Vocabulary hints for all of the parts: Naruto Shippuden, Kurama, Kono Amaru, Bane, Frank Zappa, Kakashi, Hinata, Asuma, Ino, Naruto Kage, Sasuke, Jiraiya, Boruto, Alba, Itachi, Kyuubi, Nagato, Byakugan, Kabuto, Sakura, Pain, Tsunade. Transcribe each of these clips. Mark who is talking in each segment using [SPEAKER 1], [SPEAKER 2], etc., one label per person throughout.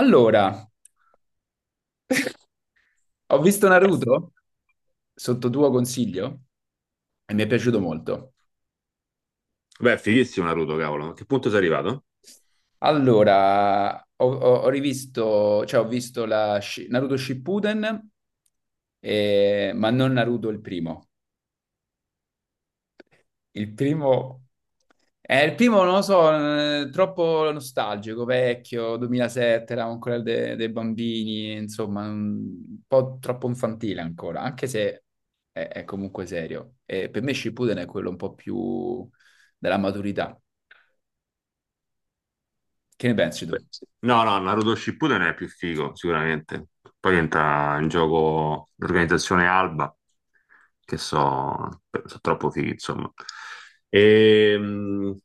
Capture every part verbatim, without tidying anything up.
[SPEAKER 1] Allora, ho visto Naruto sotto tuo consiglio e mi è piaciuto molto.
[SPEAKER 2] Beh, è fighissimo Naruto, cavolo. A che punto sei arrivato?
[SPEAKER 1] Allora, ho, ho- ho rivisto, cioè ho visto la Shi- Naruto Shippuden, eh, ma non Naruto il primo. Il primo, eh, il primo non lo so, eh, troppo nostalgico, vecchio, duemilasette, eravamo ancora de- dei bambini, insomma, un po' troppo infantile ancora, anche se è, è comunque serio. E per me Shippuden è quello un po' più della maturità. Che ne pensi tu?
[SPEAKER 2] Beh, sì. No, no, Naruto Shippuden è più figo, sicuramente. Poi entra in gioco l'organizzazione Alba, che so, so troppo fighi, insomma. Ehm,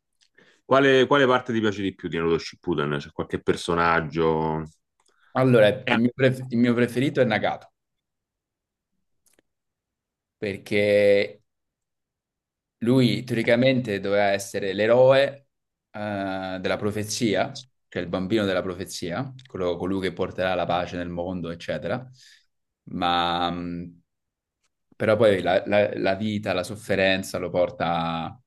[SPEAKER 2] quale, quale parte ti piace di più di Naruto Shippuden? C'è qualche personaggio?
[SPEAKER 1] Allora, il
[SPEAKER 2] Eh.
[SPEAKER 1] mio, pref- il mio preferito è Nagato, perché lui teoricamente doveva essere l'eroe eh, della profezia, cioè il bambino della profezia, quello- colui che porterà la pace nel mondo, eccetera. Ma mh, però poi la, la- la vita, la sofferenza lo porta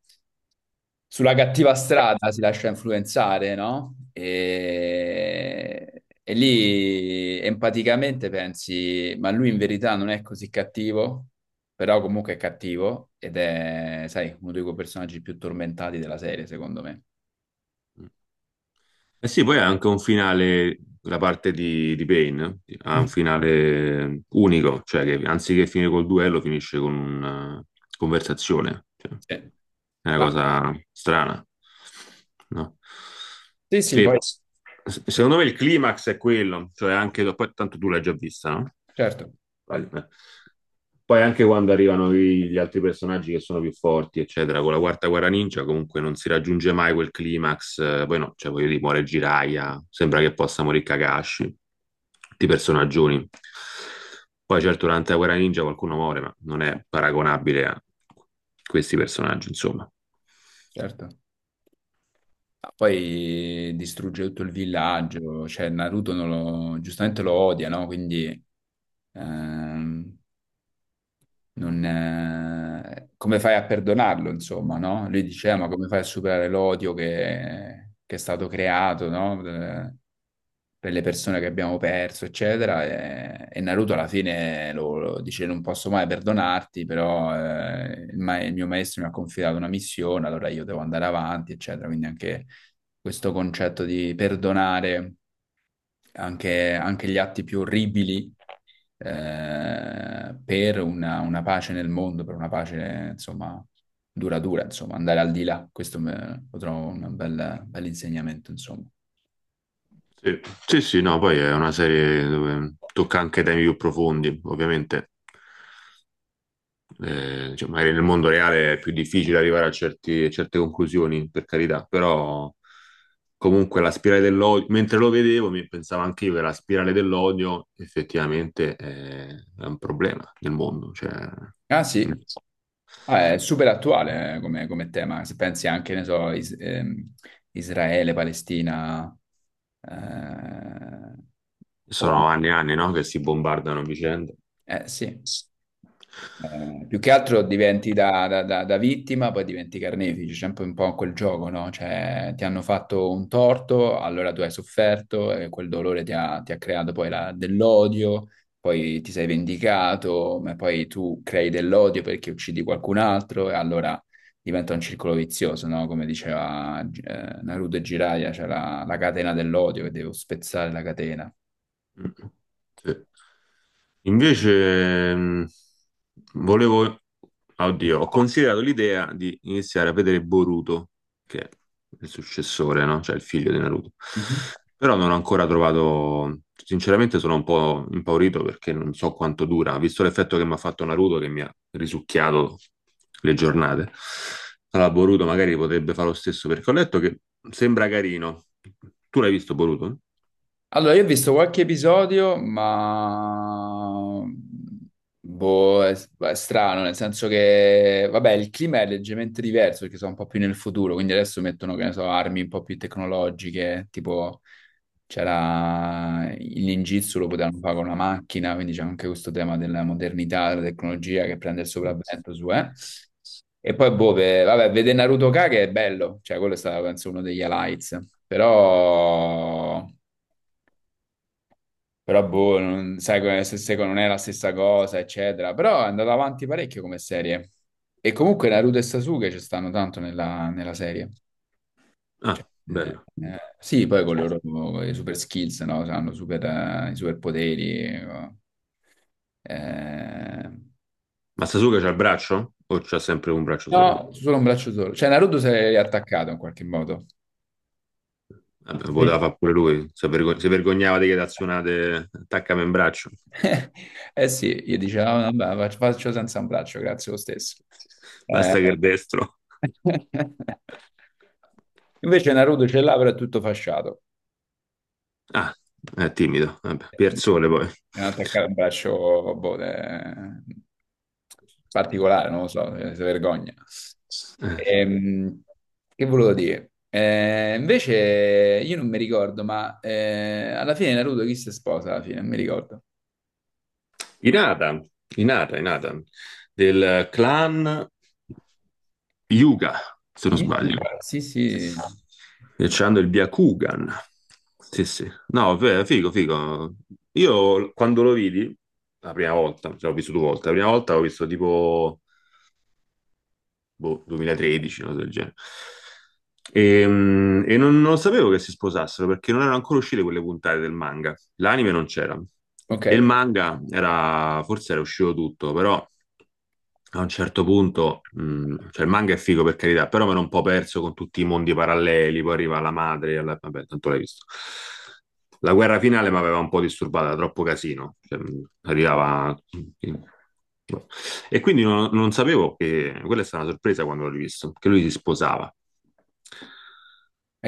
[SPEAKER 1] sulla cattiva strada, si lascia influenzare, no? E, e lì empaticamente pensi, ma lui in verità non è così cattivo, però comunque è cattivo ed è, sai, uno dei quei personaggi più tormentati della serie, secondo me.
[SPEAKER 2] Eh sì, poi ha anche un finale, la parte di, di Bane, eh, ha un finale unico, cioè che anziché finire col duello finisce con una conversazione. Cioè,
[SPEAKER 1] Sì.
[SPEAKER 2] è una
[SPEAKER 1] Ah,
[SPEAKER 2] cosa strana, no?
[SPEAKER 1] sì, sì,
[SPEAKER 2] E
[SPEAKER 1] poi
[SPEAKER 2] s- Secondo me il climax è quello, cioè anche, poi tanto tu l'hai già vista, no?
[SPEAKER 1] certo,
[SPEAKER 2] Vale. Poi anche quando arrivano i- gli altri personaggi che sono più forti, eccetera, con la quarta guerra ninja comunque non si raggiunge mai quel climax, eh, poi no, cioè voglio dire, muore Jiraiya, sembra che possa morire Kakashi, tutti i personaggioni. Poi certo durante la guerra ninja qualcuno muore, ma non è paragonabile a questi personaggi, insomma.
[SPEAKER 1] certo. Ah, poi distrugge tutto il villaggio, cioè Naruto non lo- giustamente lo odia, no? Quindi ehm, non, eh, come fai a perdonarlo, insomma, no? Lui diceva, ma come fai a superare l'odio che, che è stato creato, no? Eh, Per le persone che abbiamo perso, eccetera. E, e Naruto alla fine lo, lo dice, non posso mai perdonarti, però eh, il, ma- il mio maestro mi ha confidato una missione, allora io devo andare avanti, eccetera. Quindi anche questo concetto di perdonare anche anche gli atti più orribili eh, per una, una pace nel mondo, per una pace, insomma, duratura, insomma, andare al di là. Questo me- lo trovo un bel, bel insegnamento, insomma.
[SPEAKER 2] Sì, sì, sì, no, poi è una serie dove tocca anche temi più profondi, ovviamente. Eh, cioè, magari nel mondo reale è più difficile arrivare a, certi- a certe conclusioni, per carità, però comunque la spirale dell'odio, mentre lo vedevo, mi pensavo anche io che la spirale dell'odio effettivamente è, è un problema nel mondo. Cioè,
[SPEAKER 1] Ah, sì. Ah, è super attuale, eh, come, come tema. Se pensi anche, ne so, Is- ehm, Israele, Palestina, eh, o-
[SPEAKER 2] sono anni e anni, no, che si bombardano a vicenda.
[SPEAKER 1] eh, sì. Eh, più che altro diventi da, da- da- da vittima, poi diventi carnefice, c'è sempre un po' quel gioco, no? Cioè, ti hanno fatto un torto, allora tu hai sofferto e quel dolore ti ha, ti ha creato poi la- dell'odio, poi ti sei vendicato, ma poi tu crei dell'odio perché uccidi qualcun altro e allora diventa un circolo vizioso, no? Come diceva eh, Naruto e Jiraiya, c'è la, la catena dell'odio che devo spezzare la catena.
[SPEAKER 2] Mm, sì. Invece, mh, volevo, oddio, ho considerato l'idea di iniziare a vedere Boruto, che è il successore, no? Cioè il figlio di Naruto. Però non ho ancora trovato, sinceramente sono un po' impaurito perché non so quanto dura, visto l'effetto che mi ha fatto Naruto, che mi ha risucchiato le giornate. Allora, Boruto magari potrebbe fare lo stesso perché ho letto che sembra carino. Tu l'hai visto Boruto?
[SPEAKER 1] Allora, io ho visto qualche episodio, ma boh, è, è strano, nel senso che, vabbè, il clima è leggermente diverso perché sono un po' più nel futuro, quindi adesso mettono, che ne so, armi un po' più tecnologiche, tipo c'era il ninjutsu, lo potevano fare con una macchina, quindi c'è anche questo tema della modernità, della tecnologia che prende il sopravvento su, eh. E poi, boh, ve- vabbè, vedere Naruto Kage è bello, cioè quello è stato, penso, uno degli highlights, però. Però boh, non, sai, come- se- se non è la stessa cosa, eccetera. Però è andata avanti parecchio come serie. E comunque Naruto e Sasuke ci stanno tanto nella, nella serie. Cioè,
[SPEAKER 2] Ah,
[SPEAKER 1] eh,
[SPEAKER 2] bello.
[SPEAKER 1] eh, sì, poi con loro con i super skills, no? Hanno super, eh, i super poteri. eh, eh.
[SPEAKER 2] Ma Sasuke c'ha il braccio? O c'ha sempre un braccio solo?
[SPEAKER 1] No, solo un braccio solo. Cioè Naruto si è riattaccato in qualche modo.
[SPEAKER 2] Vabbè,
[SPEAKER 1] Sì.
[SPEAKER 2] poteva fare pure lui. Si, vergo- si vergognava di che azionate attaccava in braccio.
[SPEAKER 1] Eh sì, gli dice, "Ah, vabbè, faccio faccio senza un braccio, grazie lo stesso. Eh.
[SPEAKER 2] Basta che il destro.
[SPEAKER 1] Invece Naruto ce l'ha, però è tutto fasciato.
[SPEAKER 2] Ah, è timido. Vabbè, Pierzone poi.
[SPEAKER 1] Devono attaccare un braccio boh, de- particolare, non lo so, eh, si vergogna.
[SPEAKER 2] Eh, sì.
[SPEAKER 1] Ehm, che volevo dire? Eh, invece io non mi ricordo, ma eh, alla fine Naruto chi si sposa alla fine? Non mi ricordo.
[SPEAKER 2] Inata, Inata, Inata, del clan. Yuga, se non sbaglio.
[SPEAKER 1] Yuga, sì, sì.
[SPEAKER 2] E c'hanno il Byakugan. Sì, sì. No, fe- figo, figo. Io quando lo vidi, la prima volta, cioè l'ho visto due volte, la prima volta l'ho visto tipo boh, duemilatredici, una cosa del genere. E, mm, e non, non sapevo che si sposassero perché non erano ancora uscite quelle puntate del manga. L'anime non c'era.
[SPEAKER 1] Ok,
[SPEAKER 2] E il
[SPEAKER 1] è
[SPEAKER 2] manga era, forse era uscito tutto, però a un certo punto, mh, cioè il manga è figo per carità, però mi ero un po' perso con tutti i mondi paralleli, poi arriva la madre, alla- vabbè, tanto l'hai visto. La guerra finale mi aveva un po' disturbata, era troppo casino, cioè, mh, arrivava... E quindi non, non sapevo che quella è stata una sorpresa quando l'ho rivisto, che lui si sposava.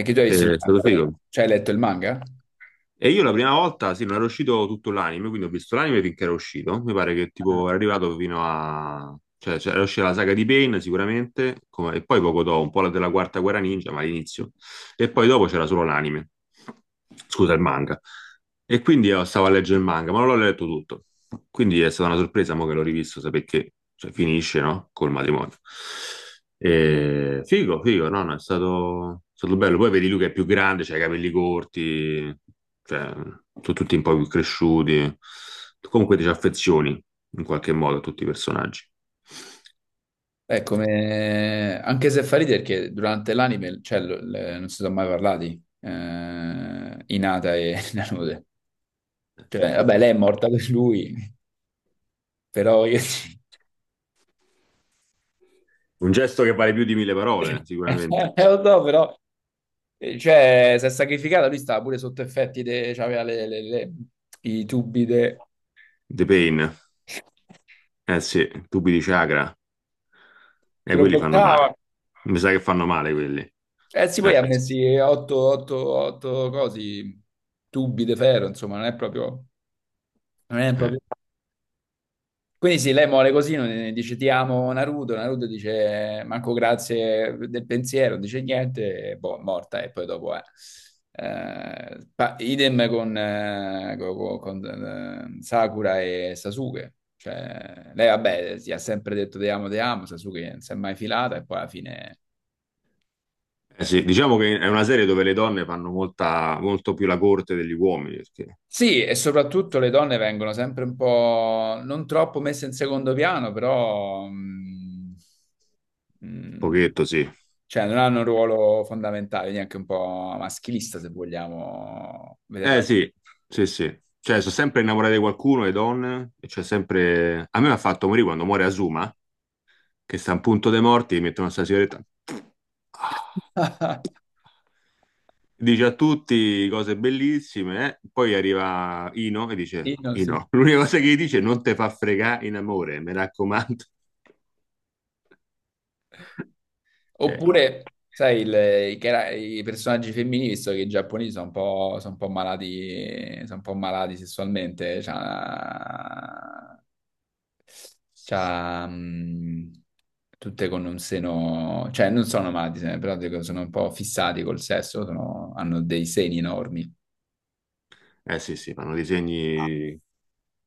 [SPEAKER 1] che tu hai visto il
[SPEAKER 2] Eh, È
[SPEAKER 1] manga,
[SPEAKER 2] stato
[SPEAKER 1] però.
[SPEAKER 2] figo.
[SPEAKER 1] Cioè hai letto il manga?
[SPEAKER 2] E io la prima volta, sì, non era uscito tutto l'anime, quindi ho visto l'anime finché era uscito. Mi pare che tipo era arrivato fino a... Cioè, cioè, era uscita la saga di Pain sicuramente, come- e poi poco dopo, un po' la della Quarta Guerra Ninja, ma all'inizio. E poi dopo c'era solo l'anime. Scusa, il manga. E quindi io stavo a leggere il manga, ma non l'ho letto tutto. Quindi è stata una sorpresa, mo che l'ho rivisto, sapere che cioè, finisce, no? Col matrimonio. E... Figo, figo, no, no, è stato... è stato bello. Poi vedi lui che è più grande, c'ha i capelli corti, cioè, sono tutti un po' più cresciuti. Comunque ti ci affezioni, in qualche modo, a tutti i personaggi.
[SPEAKER 1] Beh, come, anche se fa ridere perché durante l'anime, cioè, l- l- non si sono mai parlati, eh, Hinata e Nanute.
[SPEAKER 2] Eh, sì.
[SPEAKER 1] Cioè, vabbè, lei è morta per lui, però io.
[SPEAKER 2] Un gesto che vale più di mille parole,
[SPEAKER 1] Eh, lo
[SPEAKER 2] sicuramente.
[SPEAKER 1] so, però, eh, cioè, si è sacrificata, lui stava pure sotto effetti, de... cioè, aveva le- le- le- i tubi de...
[SPEAKER 2] The Pain. Eh sì, tubi di chakra.
[SPEAKER 1] che
[SPEAKER 2] E
[SPEAKER 1] lo
[SPEAKER 2] quelli fanno
[SPEAKER 1] bloccava.
[SPEAKER 2] male. Mi sa che fanno male quelli. Eh,
[SPEAKER 1] Eh sì, poi ha messi otto cose, tubi di ferro, insomma, non è proprio. Non è
[SPEAKER 2] eh.
[SPEAKER 1] proprio. Quindi sì, lei mole così, non- dice ti amo Naruto, Naruto dice manco grazie del pensiero, dice niente, e boh, morta e poi dopo è. Eh, pa- idem con, eh, co- co- con, eh, Sakura e Sasuke. Cioè, lei vabbè, si ha sempre detto ti amo, ti amo, Sasuke non si è mai filata e poi alla fine.
[SPEAKER 2] Eh sì, diciamo che è una serie dove le donne fanno molta, molto più la corte degli uomini, perché un
[SPEAKER 1] Sì, e soprattutto le donne vengono sempre un po' non troppo messe in secondo piano, però mm, mm,
[SPEAKER 2] pochetto sì.
[SPEAKER 1] cioè non hanno un ruolo fondamentale, neanche un po' maschilista, se vogliamo
[SPEAKER 2] Eh
[SPEAKER 1] vederla.
[SPEAKER 2] sì, sì, sì. Cioè, sono sempre innamorate di qualcuno, le donne, e c'è sempre... A me mi ha fatto morire quando muore Asuma, che sta a un punto dei morti, gli mettono questa sigaretta. Ah, dice a tutti cose bellissime, eh. Poi arriva Ino e dice,
[SPEAKER 1] Sì, no, sì.
[SPEAKER 2] Ino, l'unica cosa che gli dice, è non te fa fregare in amore, mi raccomando. Cioè,
[SPEAKER 1] Oppure, sai, il- i, cara- i personaggi femminili, visto che i giapponesi sono un po', sono un po', malati, sono un po' malati sessualmente, cioè, c'ha, mh, tutte con un seno, cioè non sono malati, se ne- però dico, sono un po' fissati col sesso, sono- hanno dei seni enormi.
[SPEAKER 2] eh sì, sì, fanno disegni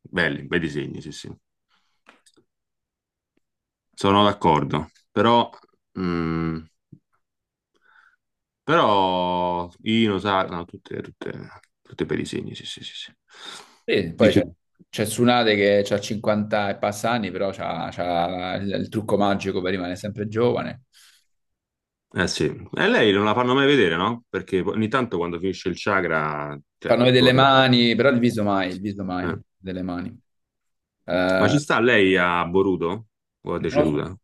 [SPEAKER 2] belli, bei disegni, sì, sì. Sono d'accordo, però, mm, però Ino sa, no, tutte, tutte, tutte bei disegni, sì, sì, sì, sì.
[SPEAKER 1] Sì, poi c'è
[SPEAKER 2] Dice.
[SPEAKER 1] c'è Tsunade che ha cinquanta e passa anni, però c'ha, c'ha il, il trucco magico per rimanere sempre giovane.
[SPEAKER 2] Eh sì, e lei non la fanno mai vedere, no? Perché ogni tanto quando finisce il chakra, cioè,
[SPEAKER 1] Fanno vedere le
[SPEAKER 2] torna.
[SPEAKER 1] mani, però il viso mai, il viso mai
[SPEAKER 2] Eh.
[SPEAKER 1] delle mani.
[SPEAKER 2] Ma
[SPEAKER 1] Eh,
[SPEAKER 2] ci sta lei a Boruto? O è
[SPEAKER 1] non lo so,
[SPEAKER 2] deceduta?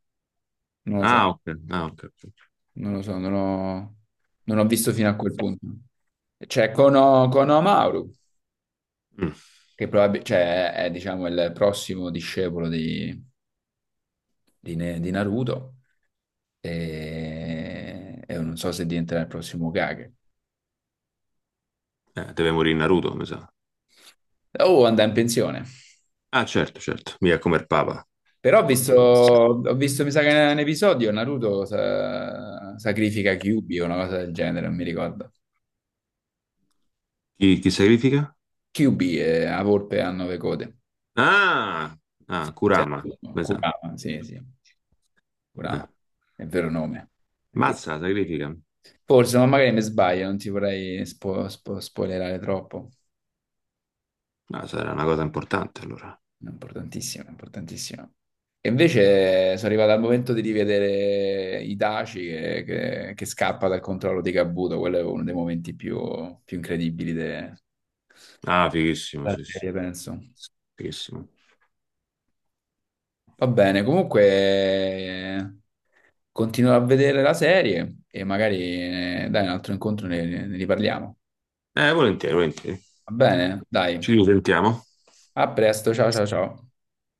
[SPEAKER 1] non lo so,
[SPEAKER 2] Ah, ok. Ah, ok. Ok.
[SPEAKER 1] non lo so, non ho, non ho visto fino a quel punto. C'è Kono, Kono Amaru.
[SPEAKER 2] Mm.
[SPEAKER 1] Che probab- cioè, è, è, diciamo il prossimo discepolo di, di Ne- di Naruto e, e non so se diventerà il prossimo Kage.
[SPEAKER 2] Eh, deve morire Naruto, mi sa.
[SPEAKER 1] Oh, andrà in pensione.
[SPEAKER 2] Ah, certo, certo. Mica come il Papa.
[SPEAKER 1] Però ho visto,
[SPEAKER 2] Poi-
[SPEAKER 1] ho visto, mi sa che in un episodio Naruto sa- sacrifica Kyuubi o una cosa del genere, non mi ricordo.
[SPEAKER 2] Chi, chi sacrifica?
[SPEAKER 1] Kyuubi è la volpe a nove code.
[SPEAKER 2] Ah, ah,
[SPEAKER 1] Forse
[SPEAKER 2] Kurama,
[SPEAKER 1] è-
[SPEAKER 2] mi sa.
[SPEAKER 1] Kurama, sì, sì, Kurama,
[SPEAKER 2] Eh.
[SPEAKER 1] è il vero nome. Kur-
[SPEAKER 2] Mazza, la sacrifica.
[SPEAKER 1] Forse, ma magari mi sbaglio, non ti vorrei spo- spo- spoilerare troppo.
[SPEAKER 2] Ah, sarà una cosa importante allora.
[SPEAKER 1] Importantissimo, importantissimo. E invece sono arrivato al momento di rivedere Itachi che, che- che scappa dal controllo di Kabuto, quello è uno dei momenti più, più incredibili de-
[SPEAKER 2] Ah, fighissimo,
[SPEAKER 1] della
[SPEAKER 2] sì, sì.
[SPEAKER 1] serie, penso.
[SPEAKER 2] Fighissimo.
[SPEAKER 1] Va bene, comunque eh, continuo a vedere la serie e magari eh, dai un altro incontro ne ne riparliamo.
[SPEAKER 2] Eh, volentieri, volentieri.
[SPEAKER 1] Va bene, dai,
[SPEAKER 2] Ci risentiamo.
[SPEAKER 1] a presto, ciao ciao ciao.